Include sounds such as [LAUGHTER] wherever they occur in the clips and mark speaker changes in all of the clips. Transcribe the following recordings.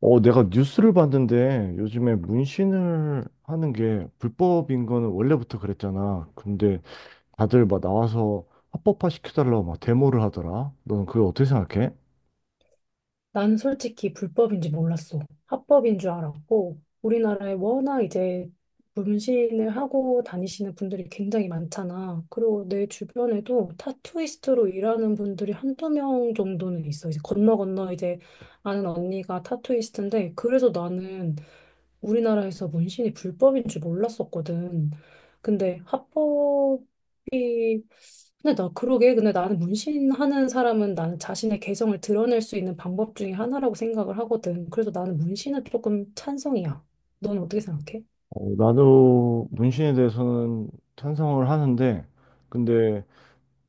Speaker 1: 내가 뉴스를 봤는데 요즘에 문신을 하는 게 불법인 거는 원래부터 그랬잖아. 근데 다들 막 나와서 합법화 시켜달라고 막 데모를 하더라. 너는 그걸 어떻게 생각해?
Speaker 2: 나는 솔직히 불법인지 몰랐어. 합법인 줄 알았고, 우리나라에 워낙 이제 문신을 하고 다니시는 분들이 굉장히 많잖아. 그리고 내 주변에도 타투이스트로 일하는 분들이 한두 명 정도는 있어. 이제 건너 이제 아는 언니가 타투이스트인데, 그래서 나는 우리나라에서 문신이 불법인 줄 몰랐었거든. 근데 합법이 근데 나 그러게 근데 나는 문신하는 사람은 나는 자신의 개성을 드러낼 수 있는 방법 중에 하나라고 생각을 하거든. 그래서 나는 문신은 조금 찬성이야. 넌 어떻게 생각해?
Speaker 1: 나도 문신에 대해서는 찬성을 하는데, 근데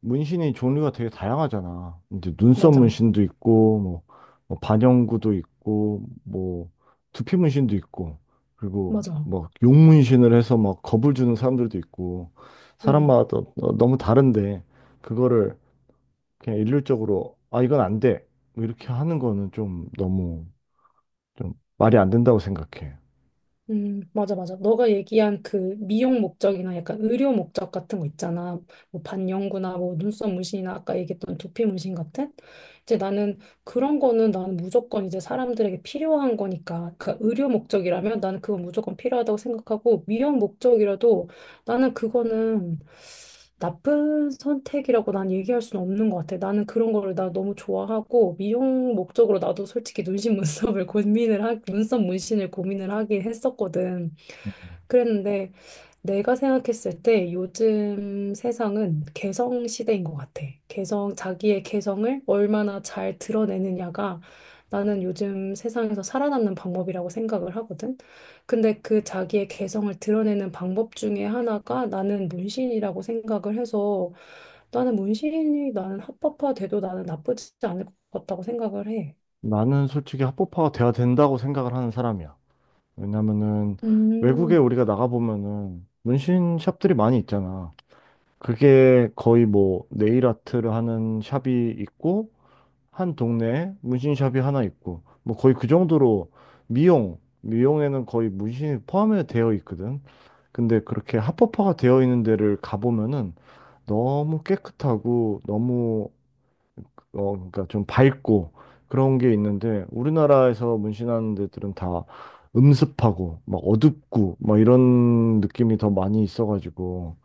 Speaker 1: 문신이 종류가 되게 다양하잖아. 이제 눈썹
Speaker 2: 맞아.
Speaker 1: 문신도 있고, 뭐, 뭐 반영구도 있고, 뭐, 두피 문신도 있고, 그리고
Speaker 2: 맞아.
Speaker 1: 뭐, 용 문신을 해서 막 겁을 주는 사람들도 있고, 사람마다 너무 다른데, 그거를 그냥 일률적으로, 아, 이건 안 돼. 뭐 이렇게 하는 거는 좀 너무 좀 말이 안 된다고 생각해.
Speaker 2: 맞아, 맞아. 너가 얘기한 그 미용 목적이나 약간 의료 목적 같은 거 있잖아. 뭐 반영구나, 뭐 눈썹 문신이나 아까 얘기했던 두피 문신 같은? 이제 나는 그런 거는 나는 무조건 이제 사람들에게 필요한 거니까. 그 의료 목적이라면 나는 그건 무조건 필요하다고 생각하고 미용 목적이라도 나는 그거는 나쁜 선택이라고 난 얘기할 수는 없는 것 같아. 나는 그런 거를 나 너무 좋아하고 미용 목적으로 나도 솔직히 눈신 문썹을 [LAUGHS] 눈썹 문신을 고민을 하긴 했었거든. 그랬는데 내가 생각했을 때 요즘 세상은 개성 시대인 것 같아. 개성, 자기의 개성을 얼마나 잘 드러내느냐가 나는 요즘 세상에서 살아남는 방법이라고 생각을 하거든. 근데 그 자기의 개성을 드러내는 방법 중에 하나가 나는 문신이라고 생각을 해서 나는 문신이 나는 합법화돼도 나는 나쁘지 않을 것 같다고 생각을 해.
Speaker 1: 나는 솔직히 합법화가 돼야 된다고 생각을 하는 사람이야. 왜냐면은 외국에
Speaker 2: 음.
Speaker 1: 우리가 나가보면은 문신 샵들이 많이 있잖아. 그게 거의 뭐 네일 아트를 하는 샵이 있고 한 동네에 문신 샵이 하나 있고 뭐 거의 그 정도로 미용 미용에는 거의 문신이 포함이 되어 있거든. 근데 그렇게 합법화가 되어 있는 데를 가보면은 너무 깨끗하고 너무 그러니까 좀 밝고 그런 게 있는데 우리나라에서 문신하는 데들은 다 음습하고 막 어둡고 막 이런 느낌이 더 많이 있어가지고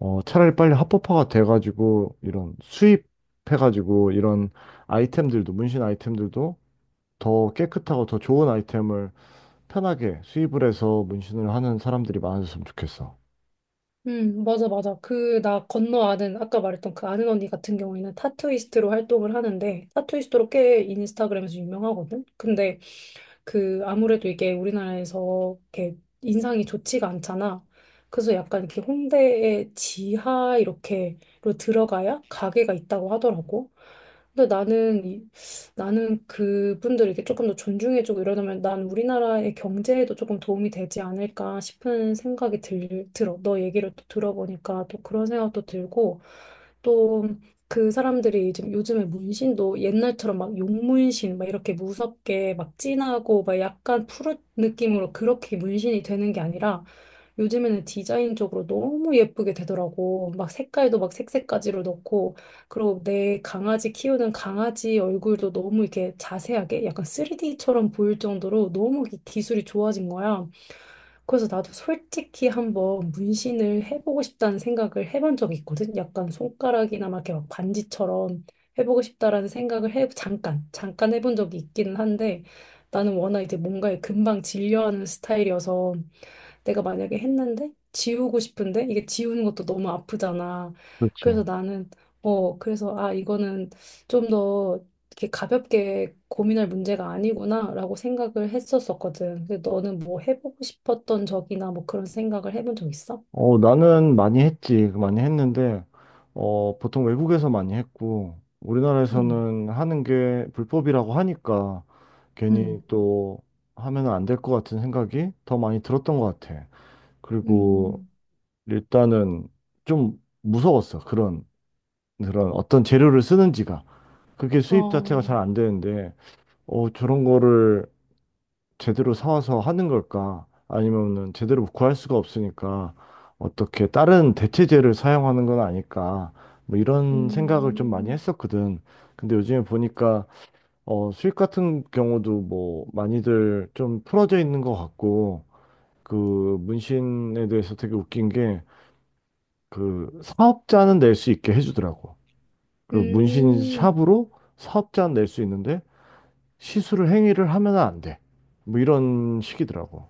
Speaker 1: 차라리 빨리 합법화가 돼가지고 이런 수입해가지고 이런 아이템들도 문신 아이템들도 더 깨끗하고 더 좋은 아이템을 편하게 수입을 해서 문신을 하는 사람들이 많아졌으면 좋겠어.
Speaker 2: 맞아, 맞아. 그, 나 건너 아는, 아까 말했던 그 아는 언니 같은 경우에는 타투이스트로 활동을 하는데, 타투이스트로 꽤 인스타그램에서 유명하거든? 근데 그, 아무래도 이게 우리나라에서 이렇게 인상이 좋지가 않잖아. 그래서 약간 이렇게 홍대의 지하 이렇게로 들어가야 가게가 있다고 하더라고. 근데 나는 이- 나는 그분들 이렇게 조금 더 존중해주고 이러면 난 우리나라의 경제에도 조금 도움이 되지 않을까 싶은 생각이 들어. 너 얘기를 또 들어보니까 또 그런 생각도 들고 또 그 사람들이 지금 요즘에 문신도 옛날처럼 막 용문신 막 이렇게 무섭게 막 진하고 막 약간 푸른 느낌으로 그렇게 문신이 되는 게 아니라 요즘에는 디자인 쪽으로 너무 예쁘게 되더라고. 막 색깔도 막 색색까지로 넣고, 그리고 내 강아지 키우는 강아지 얼굴도 너무 이렇게 자세하게 약간 3D처럼 보일 정도로 너무 기술이 좋아진 거야. 그래서 나도 솔직히 한번 문신을 해보고 싶다는 생각을 해본 적이 있거든. 약간 손가락이나 막 이렇게 막 반지처럼 해보고 싶다라는 생각을 잠깐 해본 적이 있기는 한데, 나는 워낙 이제 뭔가에 금방 질려하는 스타일이어서 내가 만약에 했는데 지우고 싶은데 이게 지우는 것도 너무 아프잖아.
Speaker 1: 그렇지.
Speaker 2: 그래서 나는 어 그래서 아 이거는 좀 더 이렇게 가볍게 고민할 문제가 아니구나라고 생각을 했었었거든. 근데 너는 뭐 해보고 싶었던 적이나 뭐 그런 생각을 해본 적 있어?
Speaker 1: 나는 많이 했지. 그 많이 했는데, 보통 외국에서 많이 했고,
Speaker 2: 음,
Speaker 1: 우리나라에서는 하는 게 불법이라고 하니까, 괜히
Speaker 2: 음,
Speaker 1: 또 하면 안 될 것 같은 생각이 더 많이 들었던 것 같아. 그리고
Speaker 2: 음,
Speaker 1: 일단은 좀 무서웠어. 그런, 그런 어떤 재료를 쓰는지가. 그게 수입 자체가
Speaker 2: 어,
Speaker 1: 잘 안 되는데, 저런 거를 제대로 사와서 하는 걸까? 아니면은 제대로 구할 수가 없으니까 어떻게 다른 대체제를 사용하는 건 아닐까? 뭐 이런 생각을 좀 많이
Speaker 2: 음,
Speaker 1: 했었거든. 근데 요즘에 보니까 수익 같은 경우도 뭐 많이들 좀 풀어져 있는 것 같고 그 문신에 대해서 되게 웃긴 게 그 사업자는 낼 수 있게 해주더라고. 그리고 문신
Speaker 2: 음.
Speaker 1: 샵으로 사업자는 낼 수 있는데 시술을 행위를 하면 안 돼. 뭐 이런 식이더라고.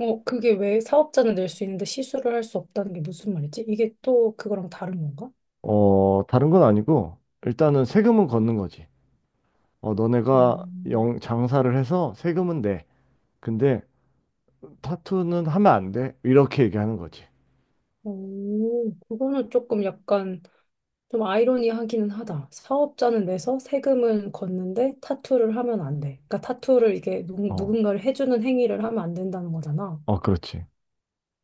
Speaker 2: 어, 그게 왜 사업자는 낼 수 있는데 시술을 할 수 없다는 게 무슨 말이지? 이게 또 그거랑 다른 건가?
Speaker 1: 다른 건 아니고, 일단은 세금은 걷는 거지. 너네가
Speaker 2: 음.
Speaker 1: 영, 장사를 해서 세금은 내. 근데 타투는 하면 안 돼. 이렇게 얘기하는 거지.
Speaker 2: 오, 그거는 조금 약간 좀 아이러니하기는 하다. 사업자는 내서 세금은 걷는데 타투를 하면 안 돼. 그러니까 타투를 이게
Speaker 1: 어,
Speaker 2: 누군가를 해주는 행위를 하면 안 된다는 거잖아.
Speaker 1: 그렇지.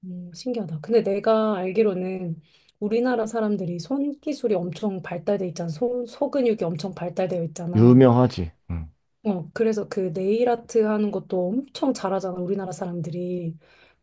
Speaker 2: 신기하다. 근데 내가 알기로는 우리나라 사람들이 손 기술이 엄청 발달돼 있잖아. 손, 소근육이 엄청 발달되어 있잖아.
Speaker 1: 유명하지. 응.
Speaker 2: 어, 그래서 그 네일 아트 하는 것도 엄청 잘하잖아, 우리나라 사람들이.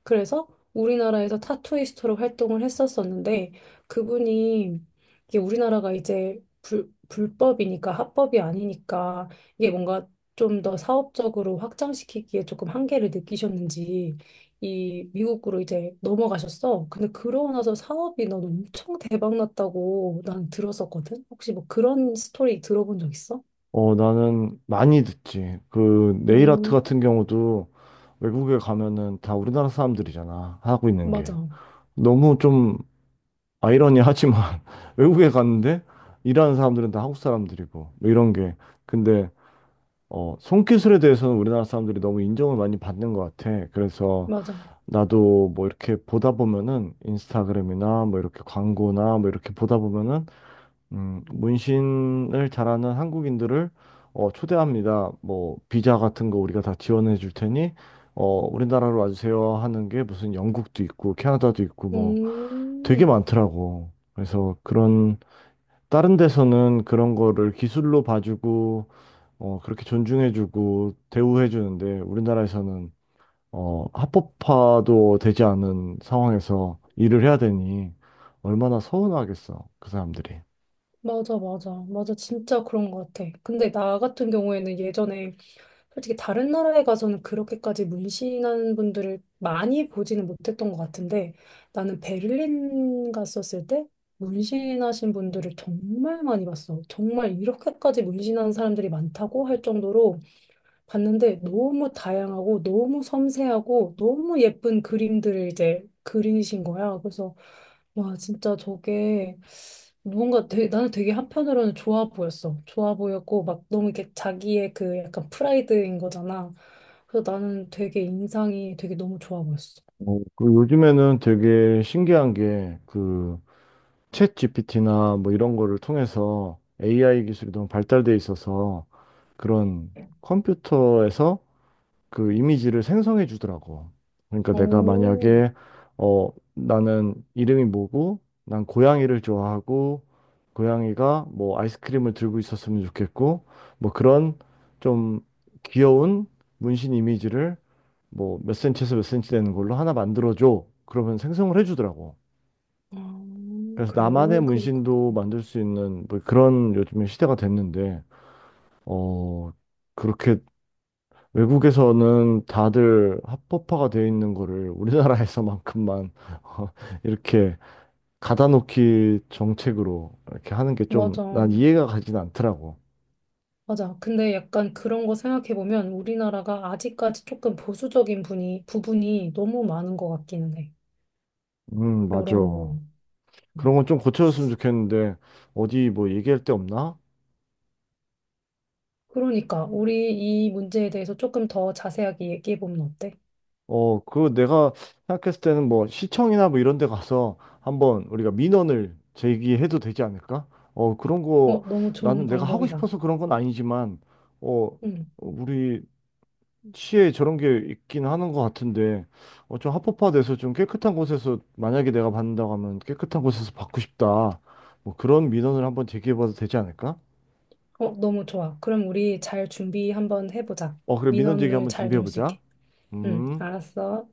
Speaker 2: 그래서 우리나라에서 타투이스트로 활동을 했었었는데, 그분이, 이게 우리나라가 이제 불법이니까, 합법이 아니니까, 이게 뭔가 좀 더 사업적으로 확장시키기에 조금 한계를 느끼셨는지, 이 미국으로 이제 넘어가셨어. 근데 그러고 나서 사업이 난 엄청 대박 났다고 난 들었었거든? 혹시 뭐 그런 스토리 들어본 적 있어?
Speaker 1: 나는 많이 듣지. 그, 네일 아트
Speaker 2: 음,
Speaker 1: 같은 경우도 외국에 가면은 다 우리나라 사람들이잖아. 하고 있는 게.
Speaker 2: 맞아.
Speaker 1: 너무 좀 아이러니하지만, [LAUGHS] 외국에 갔는데 일하는 사람들은 다 한국 사람들이고, 뭐 이런 게. 근데 손기술에 대해서는 우리나라 사람들이 너무 인정을 많이 받는 것 같아. 그래서
Speaker 2: 맞아.
Speaker 1: 나도 뭐 이렇게 보다 보면은 인스타그램이나 뭐 이렇게 광고나 뭐 이렇게 보다 보면은 문신을 잘하는 한국인들을 초대합니다. 뭐 비자 같은 거 우리가 다 지원해 줄 테니 어, 우리나라로 와주세요 하는 게 무슨 영국도 있고 캐나다도 있고 뭐 되게
Speaker 2: 음,
Speaker 1: 많더라고. 그래서 그런 다른 데서는 그런 거를 기술로 봐주고 그렇게 존중해주고 대우해주는데 우리나라에서는 합법화도 되지 않은 상황에서 일을 해야 되니 얼마나 서운하겠어, 그 사람들이.
Speaker 2: 맞아, 맞아. 맞아. 진짜 그런 것 같아. 근데 나 같은 경우에는 예전에 솔직히 다른 나라에 가서는 그렇게까지 문신하는 분들을 많이 보지는 못했던 것 같은데 나는 베를린 갔었을 때 문신하신 분들을 정말 많이 봤어. 정말 이렇게까지 문신하는 사람들이 많다고 할 정도로 봤는데 너무 다양하고 너무 섬세하고 너무 예쁜 그림들을 이제 그리신 거야. 그래서 와 진짜 저게 뭔가 되게, 나는 되게 한편으로는 좋아 보였어. 좋아 보였고 막 너무 이렇게 자기의 그 약간 프라이드인 거잖아. 그래서 나는 되게 인상이 되게 너무 좋아 보였어.
Speaker 1: 그리고 요즘에는 되게 신기한 게 그 챗 GPT나 뭐 이런 거를 통해서 AI 기술이 너무 발달돼 있어서 그런 컴퓨터에서 그 이미지를 생성해 주더라고. 그러니까 내가
Speaker 2: 오,
Speaker 1: 만약에 어 나는 이름이 뭐고 난 고양이를 좋아하고 고양이가 뭐 아이스크림을 들고 있었으면 좋겠고 뭐 그런 좀 귀여운 문신 이미지를 뭐 몇 센치에서 몇 센치 되는 걸로 하나 만들어 줘. 그러면 생성을 해 주더라고.
Speaker 2: 아,
Speaker 1: 그래서
Speaker 2: 그래,
Speaker 1: 나만의
Speaker 2: 그게 그렇게
Speaker 1: 문신도
Speaker 2: 돼.
Speaker 1: 만들 수 있는 뭐 그런 요즘에 시대가 됐는데 어 그렇게 외국에서는 다들 합법화가 되어 있는 거를 우리나라에서만큼만 [LAUGHS] 어, 이렇게 가다놓기 정책으로 이렇게 하는 게 좀
Speaker 2: 맞아.
Speaker 1: 난 이해가 가진 않더라고.
Speaker 2: 맞아. 근데 약간 그런 거 생각해보면 우리나라가 아직까지 조금 보수적인 부분이 너무 많은 것 같기는 해.
Speaker 1: 맞아.
Speaker 2: 여러모로. 음.
Speaker 1: 그런 건 좀 고쳐줬으면 좋겠는데 어디 뭐 얘기할 데 없나?
Speaker 2: 그러니까 우리 이 문제에 대해서 조금 더 자세하게 얘기해보면 어때?
Speaker 1: 그 내가 생각했을 때는 뭐 시청이나 뭐 이런 데 가서 한번 우리가 민원을 제기해도 되지 않을까? 그런 거
Speaker 2: 어, 너무 좋은
Speaker 1: 나는 내가 하고
Speaker 2: 방법이다.
Speaker 1: 싶어서 그런 건 아니지만 어,
Speaker 2: 응.
Speaker 1: 우리 시에 저런 게 있긴 하는 것 같은데 좀 합법화돼서 좀 깨끗한 곳에서 만약에 내가 받는다고 하면 깨끗한 곳에서 받고 싶다 뭐 그런 민원을 한번 제기해봐도 되지 않을까?
Speaker 2: 어, 너무 좋아. 그럼 우리 잘 준비 한번 해보자.
Speaker 1: 어 그래 민원 제기
Speaker 2: 민원을
Speaker 1: 한번
Speaker 2: 잘 넣을 수
Speaker 1: 준비해보자.
Speaker 2: 있게. 응,
Speaker 1: 음.
Speaker 2: 알았어.